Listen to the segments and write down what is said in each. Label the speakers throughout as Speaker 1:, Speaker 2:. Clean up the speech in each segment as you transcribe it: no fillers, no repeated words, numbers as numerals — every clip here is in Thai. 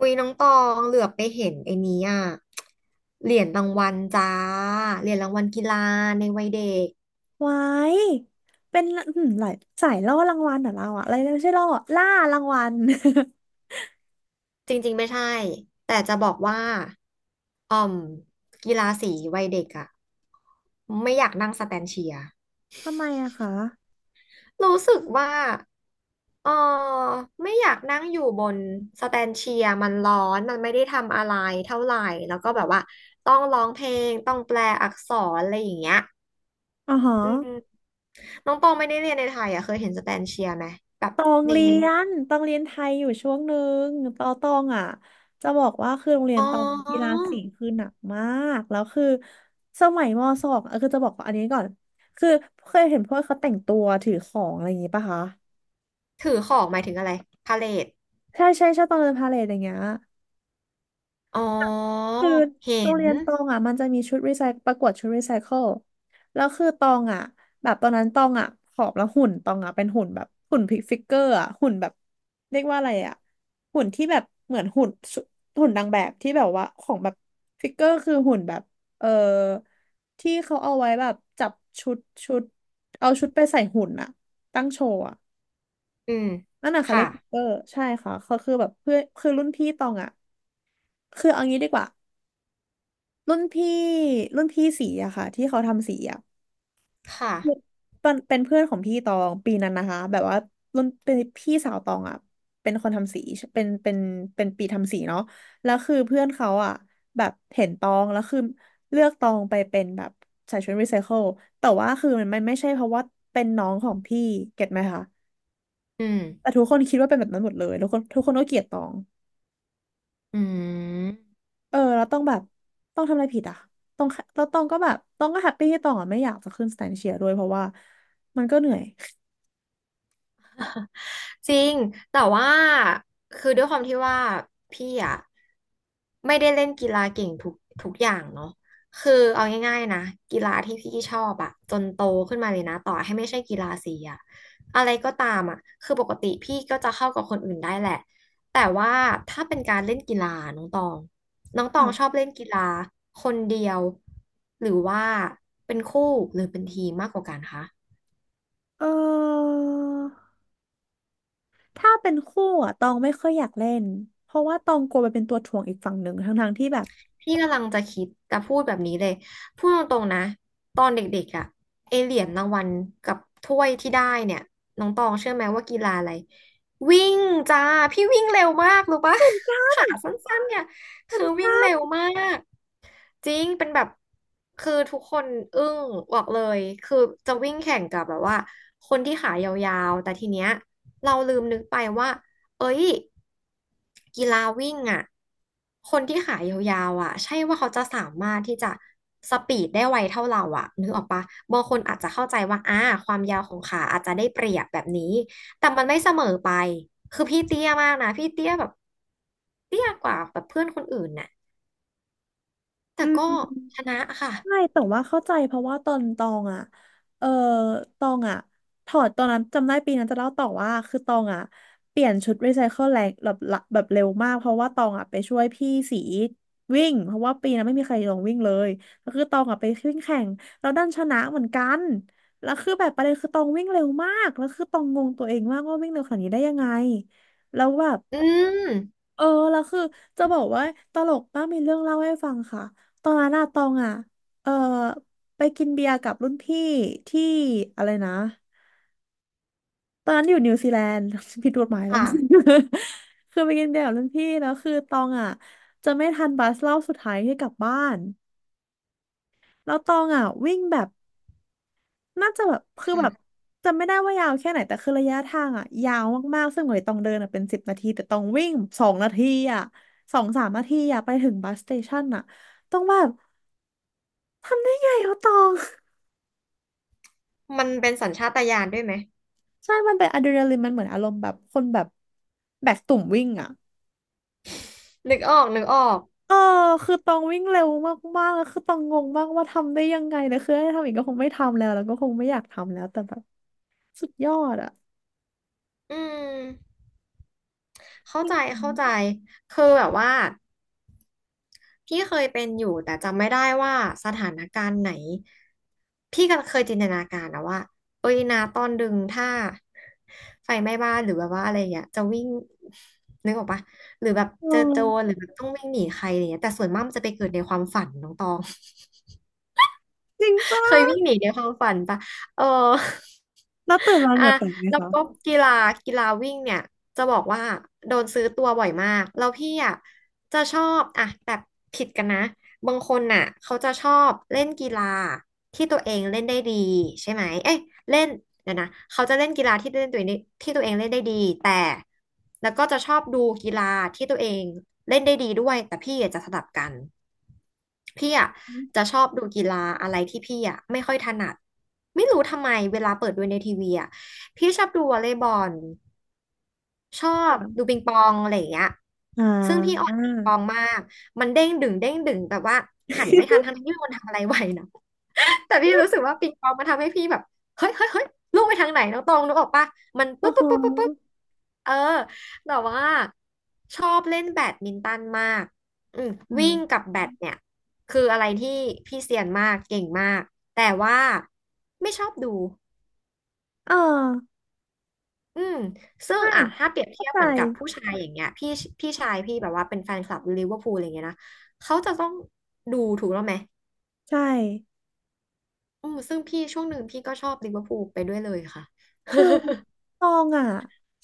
Speaker 1: อุ้ยน้องตองเหลือบไปเห็นไอ้นี้อ่ะเหรียญรางวัลจ้าเหรียญรางวัลกีฬาในวัยเด็ก
Speaker 2: ไว้ายเป็นอืมหลายสายล่อรางวัลเหรอเราอะอะไรนะไม่ใช่ล่อล่ารางวัล
Speaker 1: จริงๆไม่ใช่แต่จะบอกว่าอ่อมกีฬาสีวัยเด็กอ่ะไม่อยากนั่งสแตนเชียร์
Speaker 2: ทำไมอะคะ
Speaker 1: รู้สึกว่าเออไม่อยากนั่งอยู่บนสแตนเชียร์มันร้อนมันไม่ได้ทำอะไรเท่าไหร่แล้วก็แบบว่าต้องร้องเพลงต้องแปลอักษรอะไรอย่างเงี้ย
Speaker 2: อ๋อฮะ
Speaker 1: อืม น้องตองไม่ได้เรียนในไทยอ่ะเคยเห็นสแตนเชียร์ไหมแบบ
Speaker 2: ตอง
Speaker 1: ใน
Speaker 2: เรียนตองเรียนไทยอยู่ช่วงหนึ่งตอตองอะจะบอกว่าคือโรงเรียน
Speaker 1: อ๋
Speaker 2: ตองกีฬา
Speaker 1: อ
Speaker 2: สีคือหนักมากแล้วคือสมัยมสองเออคือจะบอกว่าอันนี้ก่อนคือเคยเห็นพวกเขาแต่งตัวถือของอะไรอย่างงี้ปะคะ
Speaker 1: ถือของหมายถึงอะไรพาเลท
Speaker 2: ใช่ใช่ใช่ตองเดินพาเหรดอย่างเงี้ย
Speaker 1: อ๋อ
Speaker 2: คือ
Speaker 1: เห็
Speaker 2: โรง
Speaker 1: น
Speaker 2: เรียนตองอ่ะมันจะมีชุดรีไซประกวดชุดรีไซเคิลแล้วคือตองอ่ะแบบตอนนั้นตองอ่ะผอมแล้วหุ่นตองอ่ะเป็นหุ่นแบบหุ่นพิกฟิกเกอร์อ่ะหุ่นแบบเรียกว่าอะไรอ่ะหุ่นที่แบบเหมือนหุ่นสุหุ่นนางแบบที่แบบว่าของแบบฟิกเกอร์คือหุ่นแบบเออที่เขาเอาไว้แบบจับชุดชุดเอาชุดไปใส่หุ่นอ่ะตั้งโชว์อ่ะ
Speaker 1: อืม
Speaker 2: นั่นน่ะค่ะ
Speaker 1: ค่ะ
Speaker 2: เรียกฟิกเกอร์ใช่ค่ะเขาคือแบบเพื่อนคือรุ่นพี่ตองอ่ะคือเอางี้ดีกว่า รุ่นพี่รุ่นพี่สีอะค่ะที่เขาทำสีอะ
Speaker 1: ค่ะ
Speaker 2: เป็นเพื่อนของพี่ตองปีนั้นนะคะแบบว่ารุ่นเป็นพี่สาวตองอะเป็นคนทำสีเป็นเป็นเป็นปีทำสีเนาะแล้วคือเพื่อนเขาอะแบบเห็นตองแล้วคือเลือกตองไปเป็นแบบใส่ชุดรีไซเคิลแต่ว่าคือมันไม่ใช่เพราะว่าเป็นน้องของพี่เก็ตไหมคะ
Speaker 1: อืม
Speaker 2: แต่ทุกคนคิดว่าเป็นแบบนั้นหมดเลยทุกคนก็เกลียดตอง
Speaker 1: อืม
Speaker 2: เออแล้วต้องแบบต้องทำอะไรผิดอ่ะต้องแล้วต้องก็แบบต้องก็แฮปปี้ที่ต้องอ่ะไม่อยากจะขึ้นสแตนเชียร์ด้วยเพราะว่ามันก็เหนื่อย
Speaker 1: จริงแต่ว่าคือด้วยความที่ว่าพี่อะไม่ได้เล่นกีฬาเก่งทุกอย่างเนาะคือเอาง่ายๆนะกีฬาที่พี่ชอบอะจนโตขึ้นมาเลยนะต่อให้ไม่ใช่กีฬาสีอะอะไรก็ตามอะคือปกติพี่ก็จะเข้ากับคนอื่นได้แหละแต่ว่าถ้าเป็นการเล่นกีฬาน้องตองน้องตองชอบ
Speaker 2: ค่ะ
Speaker 1: เล่นกีฬาคนเดียวหรือว่าเป็นคู่หรือเป็นทีมมากกว่ากันคะ
Speaker 2: เออถ้าเป็นคู่อ่ะตองไม่ค่อยอยากเล่นเพราะว่าตองกลัวไปเป็นตัวถ่วงอีกฝั่งหนึ่งทั้งๆที่แบบ
Speaker 1: พี่กำลังจะคิดจะพูดแบบนี้เลย พูดตรงๆนะ ตอนเด็กๆอะไอเหรียญรางวัลกับถ้วยที่ได้เนี่ย น้องตองเชื่อไหมว่ากีฬาอะไร วิ่งจ้า พี่วิ่งเร็วมากรู้ปะ ขาสั้นๆเนี่ย คือวิ่งเร็วมาก จริงเป็นแบบคือทุกคนอึ้งบอกเลยคือจะวิ่งแข่งกับแบบว่าคนที่ขายาวๆแต่ทีเนี้ยเราลืมนึกไปว่าเอ้ยกีฬาวิ่งอ่ะคนที่ขายาวๆอ่ะใช่ว่าเขาจะสามารถที่จะสปีดได้ไวเท่าเราอ่ะนึกออกปะบางคนอาจจะเข้าใจว่าความยาวของขาอาจจะได้เปรียบแบบนี้แต่มันไม่เสมอไปคือพี่เตี้ยมากนะพี่เตี้ยแบบเตี้ยกว่าแบบเพื่อนคนอื่นน่ะแต่
Speaker 2: อื
Speaker 1: ก็
Speaker 2: ม
Speaker 1: ชนะค่ะ
Speaker 2: ใช่แต่ว่าเข้าใจเพราะว่าตอนตองอ่ะเออตองอ่ะถอดตอนนั้นจำได้ปีนั้นจะเล่าต่อว่าคือตองอ่ะเปลี่ยนชุดรีไซเคิลแรงแบบละแบบเร็วมากเพราะว่าตองอ่ะไปช่วยพี่สีวิ่งเพราะว่าปีนั้นไม่มีใครลงวิ่งเลยก็คือตองอ่ะไปวิ่งแข่งแล้วดันชนะเหมือนกันแล้วคือแบบประเด็นคือตองวิ่งเร็วมากแล้วคือตองงงตัวเองมากว่าวิ่งเร็วขนาดนี้ได้ยังไงแล้วแบบ
Speaker 1: อืม
Speaker 2: เออแล้วคือจะบอกว่าตลกป้ากมีเรื่องเล่าให้ฟังค่ะตอนนั้นอะตองอะเออไปกินเบียร์กับรุ่นพี่ที่อะไรนะตอนนั้นอยู่นิวซีแลนด์ ผิดกฎหมายแล้ว
Speaker 1: ค่ะ
Speaker 2: คือไปกินเบียร์กับรุ่นพี่แล้วคือตองอะจะไม่ทันบัสรอบสุดท้ายที่กลับบ้านแล้วตองอะวิ่งแบบ น่าจะแบบคือ
Speaker 1: ค่ะ
Speaker 2: แบบจำไม่ได้ว่ายาวแค่ไหนแต่คือระยะทางอ่ะยาวมากๆซึ่งเหน่อยต้องเดินอะเป็นสิบนาทีแต่ต้องวิ่งสองนาทีอ่ะสองสามนาทีอ่ะไปถึงบัสสเตชันอ่ะต้องแบบทำได้ไงวะตอง
Speaker 1: มันเป็นสัญชาตญาณด้วยไหม
Speaker 2: ใช่มันเป็นอะดรีนาลีนมันเหมือนอารมณ์แบบคนแบบแบกตุ่มวิ่งอ่ะ
Speaker 1: นึกออกนึกออก
Speaker 2: เออคือตองวิ่งเร็วมากๆแล้วคือตองงงมากว่าทำได้ยังไงนะคือให้ทำอีกก็คงไม่ทำแล้วแล้วก็คงไม่อยากทำแล้วแต่แบบสุดยอดอ่ะ
Speaker 1: อืมเข้า
Speaker 2: จริ
Speaker 1: ใจ
Speaker 2: ง
Speaker 1: เข้าใจคือแบบว่าพี่เคยเป็นอยู่แต่จำไม่ได้ว่าสถานการณ์ไหนพี่ก็เคยจินตนาการนะว่าเอ้ยนาตอนดึงถ้าไฟไหม้บ้านหรือแบบว่าอะไรอย่างเงี้ยจะวิ่งนึกออกปะหรือแบบ
Speaker 2: ๆเอ
Speaker 1: เจอ
Speaker 2: อ
Speaker 1: โจรหรือแบบต้องวิ่งหนีใครอะไรเงี้ยแต่ส่วนมากมันจะไปเกิดในความฝันน้องตอง
Speaker 2: จริง
Speaker 1: เคย
Speaker 2: ป่ะ
Speaker 1: วิ่งหนีในความฝันปะเออ
Speaker 2: แล้วตื่นมา เห
Speaker 1: อ่ะ
Speaker 2: งื่อแตกไหม
Speaker 1: แล้ว
Speaker 2: คะ
Speaker 1: ก็กีฬากีฬาวิ่งเนี่ยจะบอกว่าโดนซื้อตัวบ่อยมากแล้วพี่อ่ะจะชอบอ่ะแบบผิดกันนะ บางคนน่ะเขาจะชอบเล่นกีฬาที่ตัวเองเล่นได้ดีใช่ไหมเอ้ยเล่นเดี๋ยวนะเขาจะเล่นกีฬาที่เล่นตัวเองได้ที่ตัวเองเล่นได้ดีแต่แล้วก็จะชอบดูกีฬาที่ตัวเอง เล่นได้ดีด้วยแต่พี่อะจะสลับกันพี่อ่ะจะชอบดูกีฬาอะไรที่พี่อ่ะไม่ค่อยถนัดไม่รู้ทำไมเวลาเปิดดูในทีวีอ่ะพี่ชอบดูวอลเลย์บอลชอบดูปิงปองอะไรอย่างเงี้ย
Speaker 2: อ่
Speaker 1: ซึ่งพี่อ่อ
Speaker 2: า
Speaker 1: นปิงปองมากมันเด้งดึงเด้งดึงแบบว่าหันไม่ทันทั้งที่ไมมีคนทำอะไรไว้นะ แต่พี่รู้สึกว่าปิงปองมันทำให้พี่แบบเฮ้ยลูกไปทางไหนน้องตองนึกออกปะมันปึ๊
Speaker 2: โอ้
Speaker 1: บ
Speaker 2: โห
Speaker 1: ปึ๊บปึ๊บปึ๊บปึ๊บเออแต่ว่าชอบเล่นแบดมินตันมากอืม
Speaker 2: อ่
Speaker 1: วิ่งกั
Speaker 2: า
Speaker 1: บแบดเนี่ยคืออะไรที่พี่เซียนมากเก่งมากแต่ว่าไม่ชอบดู
Speaker 2: เออ
Speaker 1: อืมซึ่ง
Speaker 2: ไม่
Speaker 1: อ่ะถ้าเปรียบ
Speaker 2: เข้า
Speaker 1: เทียบ
Speaker 2: ใจ
Speaker 1: เหมือนกับผู้ชายอย่างเงี้ยพี่ชายพี่แบบว่าเป็นแฟนคลับลิเวอร์พูลอะไรเงี้ยนะเขาจะต้องดูถูกแล้วไหม
Speaker 2: ใช่
Speaker 1: อืมซึ่งพี่ช่วงหนึ่งพี่ก็ชอบลิเวอร์พูลไปด้วยเลยค่ะ
Speaker 2: คือ ตองอ่ะ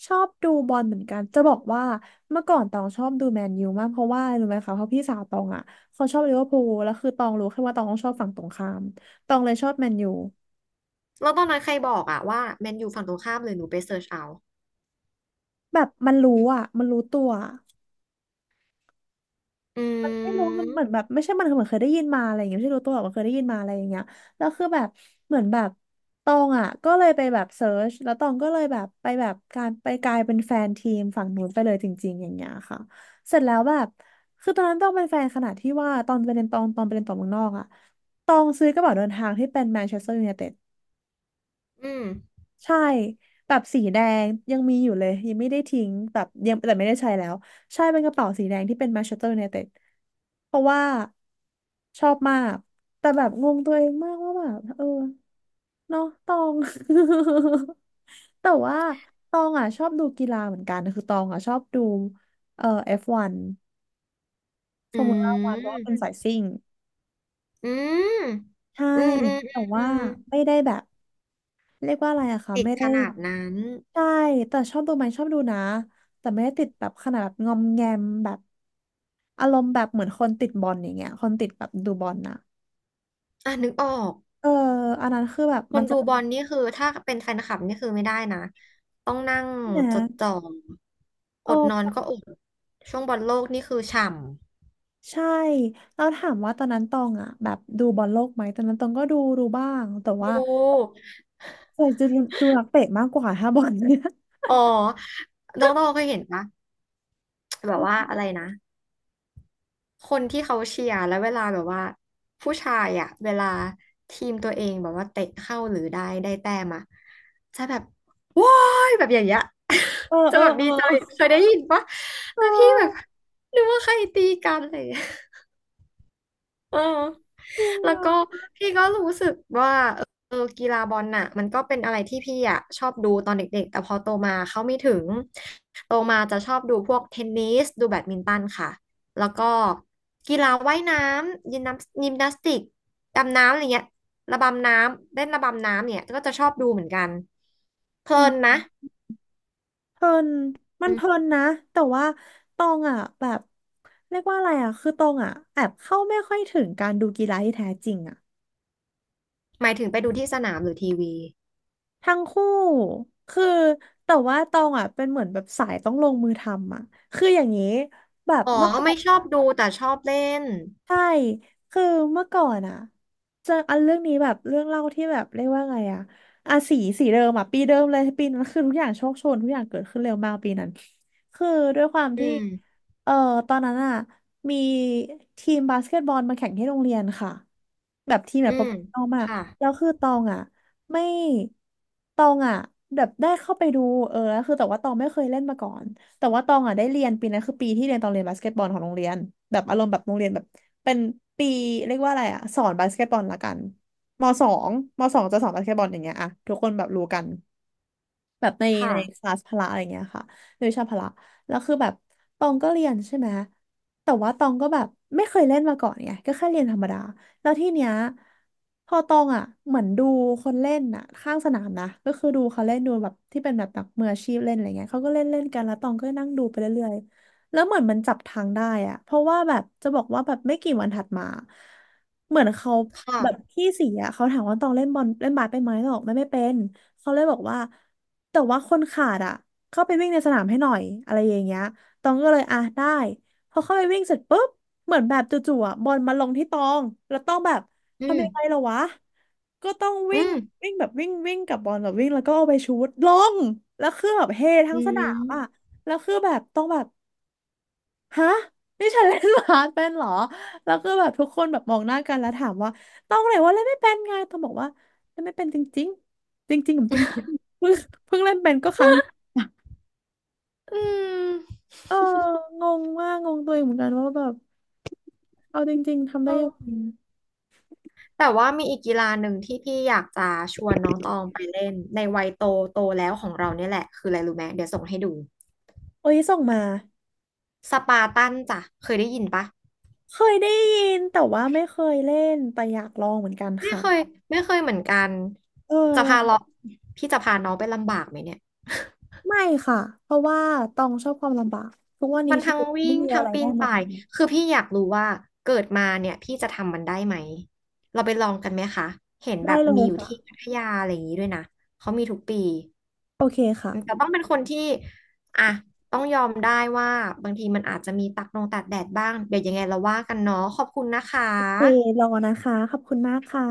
Speaker 2: ชอบดูบอลเหมือนกันจะบอกว่าเมื่อก่อนตองชอบดูแมนยูมากเพราะว่ารู้ไหมคะเพราะพี่สาวตองอ่ะเขาชอบลิเวอร์พูลแล้วคือตองรู้แค่ว่าตองชอบฝั่งตรงข้ามตองเลยชอบแมนยู
Speaker 1: แล้วตอนนั้นใครบอกอะว่าแมนยูฝั่งตรงข้ามเลยหนูไปเสิร์ชเอา
Speaker 2: แบบมันรู้อ่ะมันรู้ตัว
Speaker 1: อื
Speaker 2: ไม่รู้มันเหมือนแบ
Speaker 1: ม
Speaker 2: บไม่ใช่มันเหมือนเคยได้ยินมาอะไรอย่างเงี้ยไม่ใช่รู้ตัวหรอกมันเคยได้ยินมาอะไรอย่างเงี้ยแล้วคือแบบเหมือนแบบตองอ่ะก็เลยไปแบบเซิร์ชแล้วตองก็เลยแบบไปแบบการไปกลายเป็นแฟนทีมฝั่งนู้นไปเลยจริงๆอย่างเงี้ยค่ะเสร็จแล้วแบบคือตอนนั้นต้องเป็นแฟนขนาดที่ว่าตอนไปเรียนตองตอนไปเรียนต่อเมืองนอกอ่ะตองซื้อกระเป๋าเดินทางที่เป็นแมนเชสเตอร์ยูไนเต็ด
Speaker 1: อืม
Speaker 2: ใช่แบบสีแดงยังมีอยู่เลยยังไม่ได้ทิ้งแบบยังแต่ไม่ได้ใช้แล้วใช่เป็นกระเป๋าสีแดงที่เป็น Manchester United เพราะว่าชอบมากแต่แบบงงตัวเองมากว่าแบบเออเนาะตอง แต่ว่าตองอ่ะชอบดูกีฬาเหมือนกันคือตองอ่ะชอบดูF1 ฟวันฟ
Speaker 1: อื
Speaker 2: อร์มูล่าวันเพราะว่าเป็น
Speaker 1: ม
Speaker 2: สายซิ่ง
Speaker 1: อืม
Speaker 2: ใช่
Speaker 1: อืมอืม
Speaker 2: แต่
Speaker 1: อื
Speaker 2: ว่า
Speaker 1: ม
Speaker 2: ไม่ได้แบบเรียกว่าอะไรอะคะ
Speaker 1: ติด
Speaker 2: ไม่
Speaker 1: ข
Speaker 2: ได้
Speaker 1: นาดนั้น
Speaker 2: ใช่ แต่ชอบดูไหมชอบดูนะแต่ไม่ได้ติดแบบขนาดแบบงอมแงมแบบอารมณ์แบบเหมือนคนติดบอลอย่างเงี้ยคนติดแบบดูบอลนะ
Speaker 1: อ่ะนึกออก
Speaker 2: เอออันนั้นคือแบบ
Speaker 1: ค
Speaker 2: มั
Speaker 1: น
Speaker 2: นจะ
Speaker 1: ดู
Speaker 2: มี
Speaker 1: บอลนี่คือถ้าเป็นแฟนคลับนี่คือไม่ได้นะ ต้องนั่ง
Speaker 2: น
Speaker 1: จดจ่
Speaker 2: ะ
Speaker 1: อ
Speaker 2: โอ
Speaker 1: อดนอนก็
Speaker 2: ้
Speaker 1: อดช่วงบอลโลกนี่คือฉ่
Speaker 2: ใช่เราถามว่าตอนนั้นตองอ่ะแบบดูบอลโลกไหม ตอนนั้นตองก็ดูบ้างแต่
Speaker 1: ำ
Speaker 2: ว่า
Speaker 1: ดู
Speaker 2: เคยจะดูนักเตะมากกว่าถ้าบอลเนี่ย
Speaker 1: อ๋อน้องตองเคยเห็นปะแบบว่าอะไรนะ คนที่เขาเชียร์แล้วเวลาแบบว่าผู้ชายอ่ะเวลาทีมตัวเองแบบว่าเตะเข้าหรือได้แต้มอะจะแบบว้ายแบบอย่างเงี้ย
Speaker 2: เออ
Speaker 1: จะ
Speaker 2: เออ
Speaker 1: แบบ
Speaker 2: เอ
Speaker 1: ดีใจเค
Speaker 2: อ
Speaker 1: ยได้ยินปะ
Speaker 2: ใช
Speaker 1: แล้วพี่แบบ
Speaker 2: ่
Speaker 1: นึกว่าใครตีกันอะไรอย่างเลย เออ
Speaker 2: จริง
Speaker 1: แล้
Speaker 2: เหร
Speaker 1: ว
Speaker 2: อ
Speaker 1: ก็พี่ก็รู้สึกว่าเออกีฬาบอลน่ะมันก็เป็นอะไรที่พี่อ่ะชอบดูตอนเด็กๆแต่พอโตมาเขาไม่ถึงโตมาจะชอบดูพวกเทนนิสดูแบดมินตันค่ะแล้วก็กีฬาว่ายน้ำยิมนาสติกดำน้ำอะไรเงี้ยระบำน้ำเล่นระบำน้ำเนี่ยก็จะชอบดูเหมือนกันเพลินนะ
Speaker 2: เพลิน มัน
Speaker 1: อื
Speaker 2: เพลิ
Speaker 1: ม
Speaker 2: นนะ แต่ว่าตองอ่ะแบบเรียกว่าอะไรอ่ะคือตองอ่ะแอบเข้าไม่ค่อยถึงการดูกีฬาที่แท้จริงอ่ะ
Speaker 1: หมายถึงไปดูที่สนามหรือทีวี
Speaker 2: ทั้งคู่ คือแต่ว่าตองอ่ะเป็นเหมือนแบบสายต้องลงมือทำอ่ะคืออย่างนี้แบบ
Speaker 1: อ๋อ
Speaker 2: เมื่อก่
Speaker 1: ไม่
Speaker 2: อน
Speaker 1: ชอบดูแต่ชอบเล่น
Speaker 2: ใช่ คือเมื่อก่อนอะเจออันเรื่องนี้แบบเรื่องเล่าที่แบบเรียกว่าไงอะอ่ะสีเดิมอะปีเดิมเลยปีนั้นคือทุกอย่างโชคโชนทุกอย่างเกิดขึ้นเร็วมากปีนั้นคือด้วยความ
Speaker 1: อื
Speaker 2: ที่
Speaker 1: ม
Speaker 2: เอ่อตอนนั้นอะมีทีมบาสเกตบอลมาแข่งที่โรงเรียนค่ะ แบบทีมแบ
Speaker 1: อื
Speaker 2: บโปร
Speaker 1: ม
Speaker 2: เฟชชั่นอลมาก
Speaker 1: ค่ะ
Speaker 2: แล้วคือตองอ่ะไม่ตองอ่ะแบบได้เข้าไปดูเออแล้วคือแต่ว่าตองไม่เคยเล่นมาก่อนแต่ว่าตองอ่ะได้เรียนปีนั้นคือปีที่เรียนตองเรียนบาสเกตบอลของโรงเรียนแบบอารมณ์แบบโรงเรียนแบบเป็นปีเรียกว่าอะไรอ่ะสอนบาสเกตบอลละกันมสองมสองจะสอนบาสเกตบอลอย่างเงี้ยอ่ะทุกคนแบบรู้กัน แบบใน
Speaker 1: ค่ะ
Speaker 2: ในคลาสพละอะไรเงี้ยค่ะในวิชาพละแล้วคือแบบตองก็เรียนใช่ไหมแต่ว่าตองก็แบบไม่เคยเล่นมาก่อนไงก็แค่เรียนธรรมดาแล้วที่เนี้ยพอตองอ่ะเหมือนดูคนเล่นอ่ะข้างสนามนะก็คือดูเขาเล่นดูแบบที่เป็นแบบนักมืออาชีพเล่นอะไรเงี้ยเขาก็เล่นเล่นกันแล้วตองก็นั่งดูไปเรื่อยๆแล้วเหมือนมันจับทางได้อ่ะเพราะว่าแบบจะบอกว่าแบบไม่กี่วันถัดมาเหมือนเขา
Speaker 1: ค่ะ
Speaker 2: แบบพี่สีอ่ะเขาถามว่าตองเล่นบอลเล่นบาสเป็นไหมตองบอกไม่เป็น เขาเลยบอกว่าแต่ว่าคนขาดอ่ะเข้าไปวิ่งในสนามให้หน่อยอะไรอย่างเงี้ยตองก็เลยอ่ะได้พอเข้าไปวิ่งเสร็จปุ๊บเหมือนแบบจู่ๆอ่ะบอลมาลงที่ตองแล้วต้องแบบ
Speaker 1: อื
Speaker 2: ทำยังไง
Speaker 1: ม
Speaker 2: ล่ะวะก็ต้อง
Speaker 1: อื
Speaker 2: วิ่ง
Speaker 1: ม
Speaker 2: วิ่งแบบวิ่งวิ่งกับบอลแบบวิ่งแล้วก็เอาไปชูตลงแล้วคือแบบเฮทั้
Speaker 1: อื
Speaker 2: งสนามอ่ะ
Speaker 1: ม
Speaker 2: แล้วคือแบบต้องแบบ ฮะนี่ฉันเล่นบาสเป็นเหรอแล้วก็แบบทุกคนแบบมองหน้ากันแล้วถามว่าต้องไหนว่าเล่นไม่เป็นไงต้องบอกว่าเล่นไม่เป็นจริงๆจริงๆผมจริงๆเพิ่งเล่นเป็นก็ครั้งนี้
Speaker 1: อืม
Speaker 2: เอองงมากงงตัวเองเหมือนกันว่าแบบเอาจริงๆทำ
Speaker 1: เอ
Speaker 2: ได้ยังไง
Speaker 1: อแต่ว่ามีอีกกีฬาหนึ่งที่พี่อยากจะชวนน้องตองไปเล่นในวัยโตโตแล้วของเราเนี่ยแหละคืออะไรรู้ไหมเดี๋ยวส่งให้ดู
Speaker 2: โอ้ยส่งมา
Speaker 1: สปาร์ตันจ้ะเคยได้ยินปะ
Speaker 2: เคยได้ยินแต่ว่าไม่เคยเล่นแต่อยากลองเหมือนกัน
Speaker 1: ไม่
Speaker 2: ค่ะ
Speaker 1: เคยไม่เคยเหมือนกัน
Speaker 2: เอ
Speaker 1: จะพาเรา
Speaker 2: อ
Speaker 1: พี่จะพาน้องไปลำบากไหมเนี่ย
Speaker 2: ไม่ค่ะเพราะว่าตองชอบความลำบากทุกวันนี้
Speaker 1: มัน
Speaker 2: ชี
Speaker 1: ทั้ง
Speaker 2: วิต
Speaker 1: วิ่
Speaker 2: ไม่
Speaker 1: ง
Speaker 2: มี
Speaker 1: ทั้
Speaker 2: อะ
Speaker 1: ง
Speaker 2: ไร
Speaker 1: ปี
Speaker 2: ได้
Speaker 1: น
Speaker 2: มา
Speaker 1: ป่า
Speaker 2: ท
Speaker 1: ย คือพี่อยากรู้ว่าเกิดมาเนี่ยพี่จะทำมันได้ไหม เราไปลองกันไหมคะ เห็น
Speaker 2: ำ
Speaker 1: แบ
Speaker 2: ได้
Speaker 1: บ
Speaker 2: เล
Speaker 1: มี
Speaker 2: ย
Speaker 1: อยู่
Speaker 2: ค่ะ
Speaker 1: ที่พัทยาอะไรอย่างนี้ด้วยนะ เขามีทุกปี
Speaker 2: โอเค
Speaker 1: แต่
Speaker 2: ค่ะ
Speaker 1: ต้องเป็นคนที่อ่ะต้องยอมได้ว่าบางทีมันอาจจะมีตักนงตากแดดบ้าง เดี๋ยวยังไงเราว่ากันเนาะขอบคุณนะคะ
Speaker 2: เครอนะคะ ขอบคุณมากค่ะ